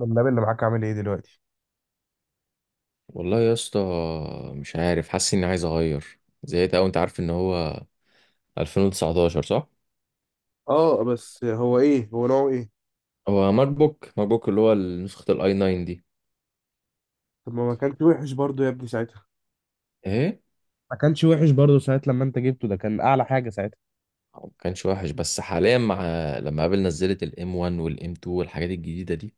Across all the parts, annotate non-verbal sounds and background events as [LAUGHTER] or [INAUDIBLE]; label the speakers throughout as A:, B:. A: اللاب اللي معاك عامل ايه دلوقتي؟
B: والله يا اسطى، مش عارف، حاسس اني عايز اغير. زهقت اوي. انت عارف ان هو 2019، صح؟
A: اه، بس هو ايه؟ هو نوعه ايه؟
B: هو ماك بوك اللي هو نسخة الاي 9 دي.
A: طب ما كانش وحش برضو يا ابني ساعتها؟
B: ايه
A: ما كانش وحش برضه ساعة لما انت جبته، ده كان اعلى حاجة ساعتها.
B: هو ما كانش وحش، بس حاليا مع... لما ابل نزلت الام 1 والام 2 والحاجات الجديدة دي،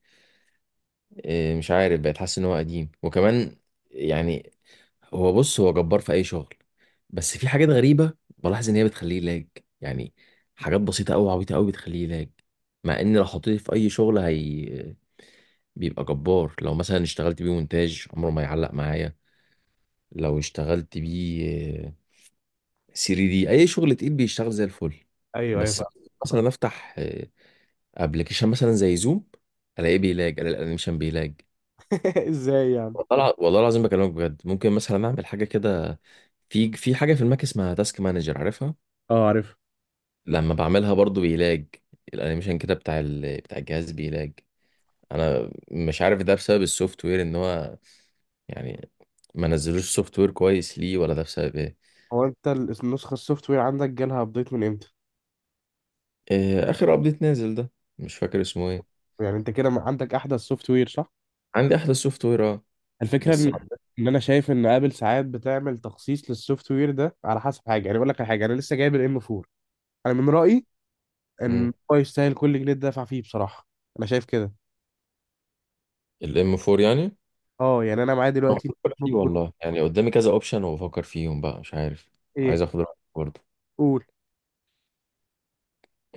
B: مش عارف، بقيت حاسس ان هو قديم. وكمان يعني هو... بص، هو جبار في اي شغل، بس في حاجات غريبة بلاحظ ان هي بتخليه لاج. يعني حاجات بسيطة اوي، عبيطة اوي، بتخليه لاج، مع ان لو حطيته في اي شغل هي بيبقى جبار. لو مثلا اشتغلت بيه مونتاج عمره ما يعلق معايا. لو اشتغلت بيه 3 دي، اي شغل تقيل بيشتغل زي الفل.
A: ايوه
B: بس
A: ايوه.
B: مثلا افتح ابلكيشن مثلا زي زوم، الاقيه بيلاج، الاقي الانيميشن بيلاج.
A: [LAUGHS] ازاي يعني؟
B: والله العظيم، بكلمك بجد، ممكن مثلا اعمل حاجه كده. في حاجه في الماك اسمها تاسك مانجر، عارفها.
A: اه، عارف.
B: لما بعملها برضو بيلاج، الانيميشن كده بتاع الجهاز بيلاج. انا مش عارف ده بسبب السوفت وير، ان هو يعني ما نزلوش سوفت وير كويس ليه، ولا ده بسبب ايه.
A: هو انت النسخه السوفت وير عندك جالها ابديت من امتى؟
B: آه، اخر ابديت نازل ده. مش فاكر اسمه ايه.
A: يعني انت كده ما عندك احدث سوفت وير، صح؟
B: عندي احدث سوفت وير، اه.
A: الفكره
B: بس...
A: ان انا شايف ان ابل ساعات بتعمل تخصيص للسوفت وير ده على حسب حاجه. يعني اقول لك على حاجه، انا لسه جايب الام 4. انا من رايي ان
B: امم...
A: هو يستاهل كل جنيه دافع فيه بصراحه. انا شايف كده.
B: الام 4 يعني...
A: اه يعني انا معايا
B: أو
A: دلوقتي.
B: بفكر فيه، والله يعني قدامي كذا اوبشن وبفكر فيهم بقى، مش عارف. عايز
A: ايه؟
B: اخد رايك برضه.
A: قول.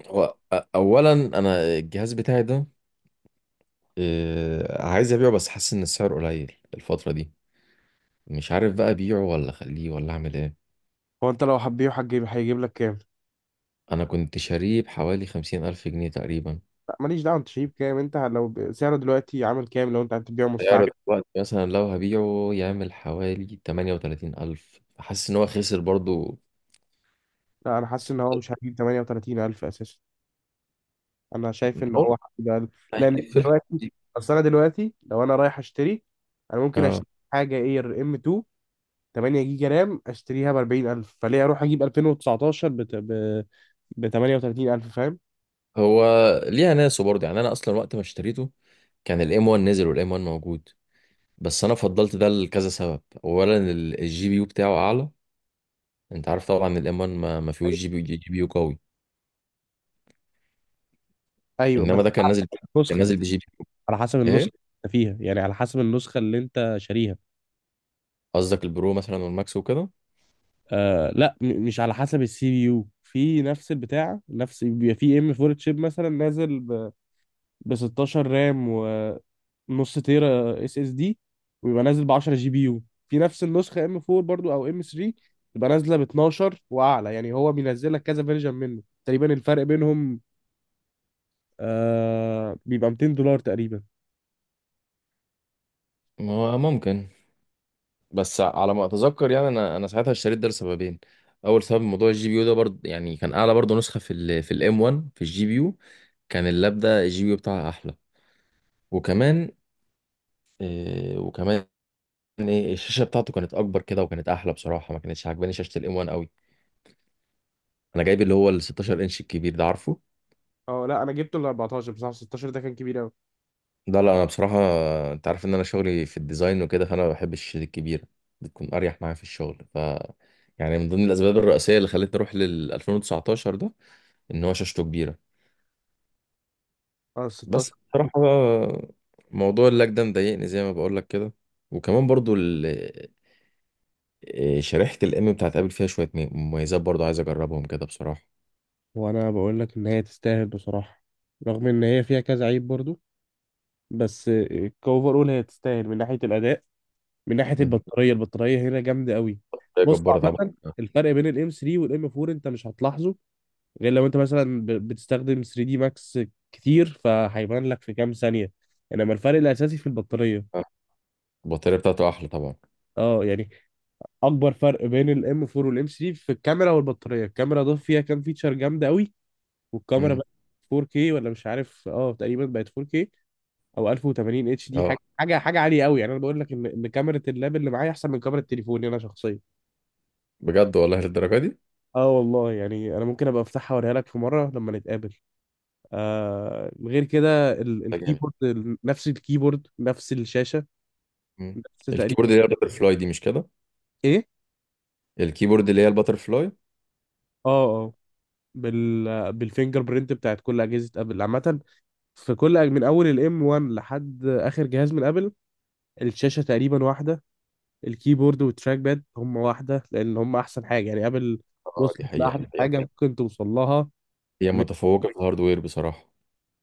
B: هو اولا، انا الجهاز بتاعي ده آه، عايز ابيعه بس حاسس ان السعر قليل الفتره دي. مش عارف بقى ابيعه ولا اخليه ولا اعمل ايه.
A: هو انت لو حبيبه هتجيب، هيجيب لك كام؟
B: انا كنت شاريه بحوالي 50,000 جنيه تقريبا.
A: لا ماليش دعوه، انت شايف كام؟ انت لو سعره دلوقتي عامل كام لو انت هتبيعه مستعمل؟
B: سعر دلوقتي مثلا لو هبيعه يعمل حوالي 38,000 ألف. حاسس إن هو خسر برضو.
A: لا، انا حاسس ان هو مش هيجيب 38,000 اساسا. انا شايف ان
B: هو
A: هو هيجيب أقل. لان
B: هيجيب في الحدود
A: دلوقتي،
B: دي،
A: اصل انا دلوقتي لو انا رايح اشتري، انا ممكن
B: اه.
A: اشتري حاجه اير ام 2، 8 جيجا رام، اشتريها ب 40,000، فليه اروح اجيب 2019 ب 38,000؟ فاهم؟
B: هو ليها ناسه برضو. يعني أنا أصلا وقت ما اشتريته كان الام 1 نزل والام 1 موجود، بس أنا فضلت ده لكذا سبب. أولا الجي بي يو بتاعه أعلى. أنت عارف طبعا الام 1 ما فيهوش جي بي يو قوي،
A: ايوه بس
B: إنما ده كان نازل كان
A: نسخه،
B: نازل بجي بي.
A: على حسب
B: إيه
A: النسخه اللي انت فيها، يعني على حسب النسخه اللي انت شاريها.
B: قصدك البرو مثلا والماكس وكده.
A: آه لا، مش على حسب السي بي يو، في نفس البتاع نفس، بيبقى في ام 4 تشيب مثلا نازل ب 16 رام ونص تيرا اس اس دي، ويبقى نازل ب 10 جي بي يو. في نفس النسخه ام 4 برضو او ام 3، تبقى نازله ب 12 واعلى. يعني هو بينزل لك كذا فيرجن منه تقريبا، الفرق بينهم آه بيبقى $200 تقريبا.
B: ما هو ممكن، بس على ما اتذكر يعني، انا ساعتها اشتريت ده لسببين. اول سبب موضوع الجي بي يو ده برضه، يعني كان اعلى برضه نسخه في الام 1 في الجي بي يو. كان اللاب ده الجي بي يو بتاعها احلى، وكمان... إيه وكمان الشاشه بتاعته كانت اكبر كده وكانت احلى بصراحه. ما كانتش عاجباني شاشه الام 1 قوي. انا جايب اللي هو ال 16 انش الكبير ده، عارفه.
A: اه لا انا جبته ال 14 بصراحه، 16 ده كان كبير قوي.
B: ده لا، انا بصراحه انت عارف ان انا شغلي في الديزاين وكده، فانا ما بحبش الشاشات الكبيره، بتكون اريح معايا في الشغل. يعني من ضمن الاسباب الرئيسيه اللي خلتني اروح لل 2019 ده ان هو شاشته كبيره.
A: اه 16.
B: بس بصراحة بقى موضوع اللاج ده مضايقني زي ما بقول لك كده. وكمان برضو إيه، شريحة الام بتاعت ابل فيها شوية مميزات برضو عايز اجربهم كده بصراحة.
A: وانا بقول لك ان هي تستاهل بصراحه، رغم ان هي فيها كذا عيب برضو، بس كوفر اول هي تستاهل من ناحيه الاداء، من ناحيه
B: مم.
A: البطاريه. البطاريه هنا جامده قوي.
B: هي
A: بص،
B: جبارة طبعا.
A: عامه
B: آه،
A: الفرق بين الام 3 والام 4 انت مش هتلاحظه، غير لو انت مثلا بتستخدم 3 دي ماكس كتير، فهيبان لك في كام ثانيه. انما الفرق الاساسي في البطاريه.
B: آه. البطارية بتاعته احلى طبعا.
A: اه يعني اكبر فرق بين الام 4 والام 3 في الكاميرا والبطاريه. الكاميرا ضاف فيها كام فيتشر جامده قوي، والكاميرا
B: مم.
A: بقت 4K ولا مش عارف، اه تقريبا بقت 4K او 1080 اتش دي،
B: اه،
A: حاجه عاليه قوي. يعني انا بقول لك ان كاميرا اللاب اللي معايا احسن من كاميرا تليفوني انا شخصيا.
B: بجد والله للدرجة دي.
A: اه والله. يعني انا ممكن ابقى افتحها اوريها لك في مره لما نتقابل. آه، غير كده
B: ده جامد.
A: الكيبورد نفس الكيبورد، نفس الشاشه،
B: مم.
A: نفس تقريبا.
B: الكيبورد اللي هي الباتر فلاي دي، مش كده؟
A: ايه.
B: الكيبورد اللي هي الباتر فلاي.
A: اه اه، بال بالفينجر برينت بتاعت كل اجهزه ابل عامه. في كل من اول الام 1 لحد اخر جهاز من ابل، الشاشه تقريبا واحده، الكيبورد والتراك باد هم واحدة، لأن هم أحسن حاجة. يعني أبل
B: اه، دي
A: وصلت
B: حقيقة
A: لأحلى
B: حقيقة.
A: حاجة ممكن توصل لها.
B: هي
A: من-
B: متفوقة في الهاردوير بصراحة.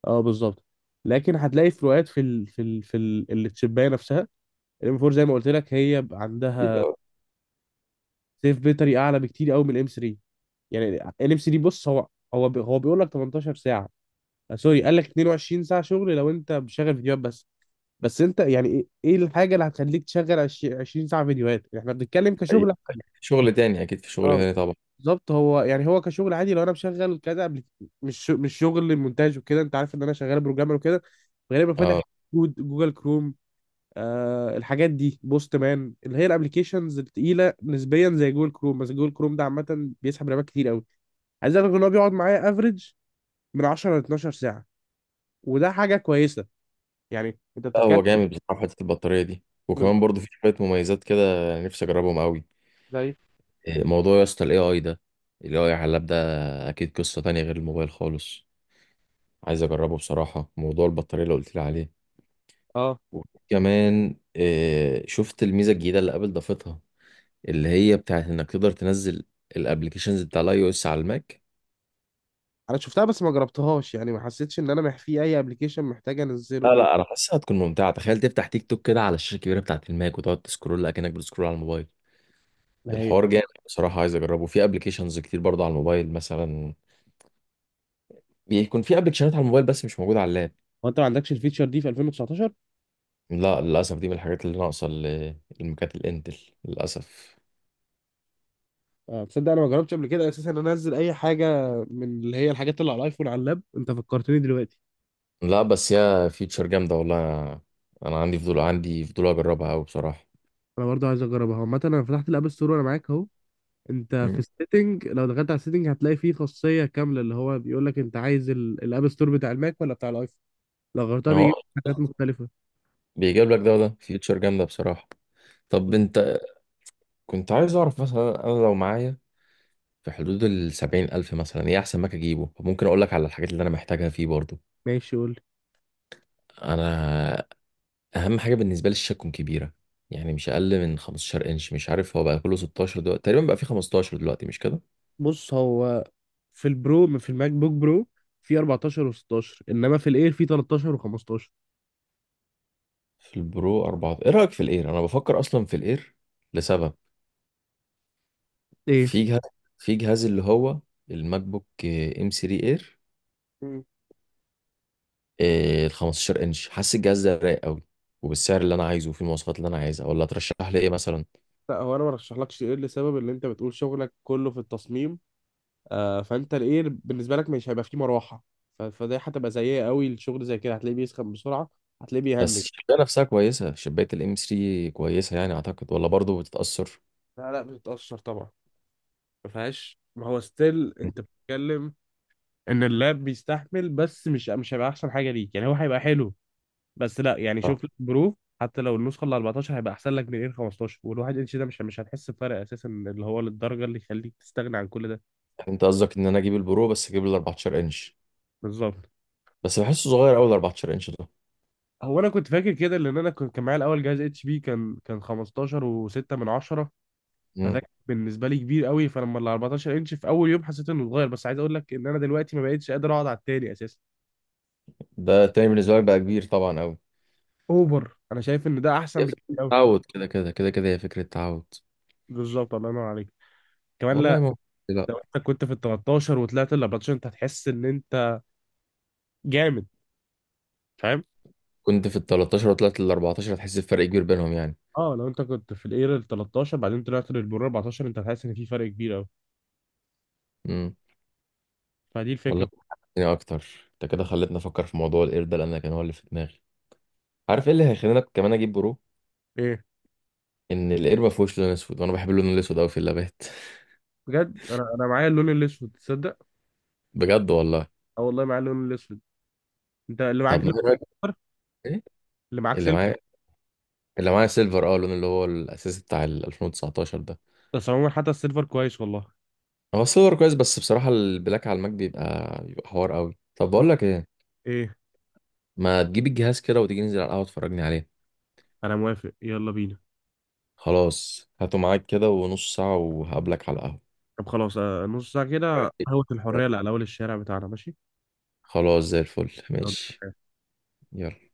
A: اه بالظبط. لكن هتلاقي فروقات في التشيباية نفسها. الام 4 زي ما قلت لك هي بقى
B: أكيد،
A: عندها
B: آه،
A: سيف بيتري أعلى بكتير قوي من الام 3. يعني الام 3 بص، هو هو بيقول لك 18 ساعة. آه، سوري، قال لك 22 ساعة شغل لو أنت بشغل فيديوهات بس. بس أنت يعني إيه الحاجة اللي هتخليك تشغل 20 ساعة فيديوهات؟ احنا بنتكلم
B: حقيقة.
A: كشغل.
B: شغل تاني اكيد، في شغل
A: اه
B: تاني طبعا.
A: بالظبط. هو يعني هو كشغل عادي، لو انا مشغل كذا، قبل مش شغل مونتاج وكده، انت عارف ان انا شغال بروجرامر وكده، غالبا فاتح
B: اه،
A: كود، جوجل كروم، آه الحاجات دي، بوست مان، اللي هي الابلكيشنز التقيله نسبيا زي جوجل كروم. بس جوجل كروم ده عامه بيسحب رامات كتير قوي. عايز اقول لك ان هو بيقعد معايا افريج من 10 ل 12 ساعه، وده حاجه كويسه. يعني انت
B: لا،
A: بتتكلم.
B: هو جامد بصراحة في حتة البطارية دي، وكمان
A: بالظبط.
B: برضو في شوية مميزات كده نفسي أجربهم أوي.
A: زي.
B: موضوع يا اسطى ال AI ده، ال AI على اللاب ده أكيد قصة تانية غير الموبايل خالص. عايز أجربه بصراحة، موضوع البطارية اللي قلت لي عليه
A: اه
B: وكمان. شفت الميزة الجديدة اللي قبل ضافتها، اللي هي بتاعت إنك تقدر تنزل الأبلكيشنز بتاع الأي أو إس على الماك.
A: انا شفتها بس ما جربتهاش، يعني ما حسيتش ان انا في اي ابلكيشن محتاج
B: لا
A: انزله.
B: لا، أنا حاسسها هتكون ممتعة. تخيل تفتح تيك توك كده على الشاشة الكبيرة بتاعت الماك وتقعد تسكرول أكنك بتسكرول على الموبايل.
A: ما هي.
B: الحوار جامد بصراحة، عايز أجربه في أبلكيشنز كتير برضه. على الموبايل مثلا بيكون في أبلكيشنات على الموبايل بس مش موجودة على اللاب.
A: هو انت ما عندكش الفيتشر دي في 2019؟
B: لا، للأسف دي من الحاجات اللي ناقصة للمكات الإنتل، للأسف.
A: آه، تصدق انا ما جربتش قبل كده اساسا ان أنا انزل اي حاجه من اللي هي الحاجات اللي على الايفون على اللاب؟ انت فكرتني دلوقتي.
B: لا، بس يا فيتشر جامدة والله. أنا عندي فضول، عندي فضول أجربها أوي بصراحة.
A: انا برضه عايز اجربها عامه، انا فتحت الاب ستور وانا معاك اهو. انت في
B: مم.
A: السيتنج، لو دخلت على السيتنج هتلاقي فيه خاصيه كامله اللي هو بيقول لك انت عايز الاب ستور بتاع الماك ولا بتاع الايفون. لو غيرتها
B: أهو،
A: بيجيب لك حاجات مختلفه.
B: بيجيب لك ده وده، فيتشر جامدة بصراحة. طب أنت... كنت عايز أعرف مثلا، أنا لو معايا في حدود 70,000 مثلا، إيه أحسن ماك أجيبه؟ ممكن أقول لك على الحاجات اللي أنا محتاجها فيه برضه.
A: ماشي قول لي.
B: أنا اهم حاجه بالنسبه لي الشاشه تكون كبيره، يعني مش اقل من 15 انش. مش عارف هو بقى كله 16 دلوقتي تقريبا، بقى في 15 دلوقتي، مش كده؟
A: بص هو في البرو، في الماك بوك برو، في 14 و16، انما في الاير في 13 و15.
B: في البرو 4، ايه رايك في الاير؟ انا بفكر اصلا في الاير لسبب.
A: ايه.
B: في جهاز في جهاز اللي هو الماك بوك ام 3 اير،
A: مم.
B: ال 15 انش. حاسس الجهاز ده رايق قوي، وبالسعر اللي انا عايزه وفي المواصفات اللي انا عايزها. ولا ترشح لي ايه مثلا؟
A: لا هو انا ما رشحلكش، ايه، لسبب ان انت بتقول شغلك كله في التصميم، آه، فانت الايه بالنسبه لك مش هيبقى فيه مروحه، فده هتبقى سيئه قوي. الشغل زي كده هتلاقيه بيسخن بسرعه، هتلاقيه بيهنج.
B: بس الشبايه نفسها كويسه، شبايه الام 3 كويسه يعني اعتقد، ولا برضه بتتاثر؟
A: لا لا، بتتاثر طبعا. ما فيهاش، ما هو ستيل. انت بتتكلم ان اللاب بيستحمل، بس مش، هيبقى احسن حاجه ليك. يعني هو هيبقى حلو بس لا، يعني
B: آه.
A: شوف لك برو حتى لو النسخه ال 14، هيبقى احسن لك من ال 15. والواحد انش ده مش هتحس بفرق اساسا اللي هو للدرجه اللي يخليك تستغنى عن كل ده.
B: يعني انت قصدك ان انا اجيب البرو بس اجيب ال 14 انش.
A: بالظبط.
B: بس بحسه صغير قوي ال 14 انش ده.
A: هو انا كنت فاكر كده، لان انا كنت، كان معايا الاول جهاز اتش بي، كان 15 و6 من 10، فده
B: مم.
A: كان بالنسبه لي كبير قوي، فلما ال 14 انش في اول يوم حسيت انه اتغير. بس عايز اقول لك ان انا دلوقتي ما بقتش قادر اقعد على التاني اساسا.
B: ده تاني بالنسبه لك بقى كبير طبعا قوي.
A: اوفر، انا شايف ان ده احسن
B: هي
A: بكتير
B: فكرة
A: قوي.
B: تعود كده كده كده كده، هي فكره تعود.
A: بالظبط، الله ينور عليك. كمان
B: والله
A: لا،
B: ما [LAUGHS] لا.
A: لو انت كنت في ال 13 وطلعت ال 14 انت هتحس ان انت جامد، فاهم.
B: كنت في ال 13 وطلعت لل 14، هتحس بفرق كبير بينهم يعني.
A: اه، لو انت كنت في الاير ال 13، بعدين طلعت للبرو 14، انت هتحس ان في فرق كبير قوي.
B: امم،
A: فدي
B: والله
A: الفكره.
B: يعني اكتر، انت كده خلتني افكر في موضوع الاير ده لان أنا كان هو اللي في دماغي. عارف ايه اللي هيخليني كمان اجيب برو؟
A: ايه.
B: ان الاير ما فيهوش لون اسود، وانا بحب اللون الاسود قوي في اللابات. [LAUGHS]
A: بجد، انا معايا اللون الاسود، تصدق؟
B: بجد والله.
A: اه والله، معايا اللون الاسود. انت اللي معاك
B: طب ما
A: لون
B: إيه رايك؟
A: احمر؟
B: إيه؟
A: اللي معاك
B: اللي
A: سيلفر.
B: معايا اللي معايا سيلفر، اه، اللون اللي هو الاساسي بتاع ال 2019.
A: بس عموما حتى السيلفر كويس والله.
B: هو السيلفر كويس، بس بصراحة البلاك على الماك بيبقى حوار قوي. طب بقول لك ايه،
A: ايه.
B: ما تجيب الجهاز كده وتيجي ننزل على القهوة تفرجني عليه؟
A: انا موافق، يلا بينا.
B: خلاص، هاته معاك كده ونص ساعة وهقابلك على القهوة.
A: طب خلاص آه، نص ساعة
B: أتفرج
A: كده، قهوة
B: عليه.
A: الحرية اللي على اول الشارع بتاعنا، ماشي.
B: خلاص، زي الفل، ماشي.
A: يلا.
B: يلا.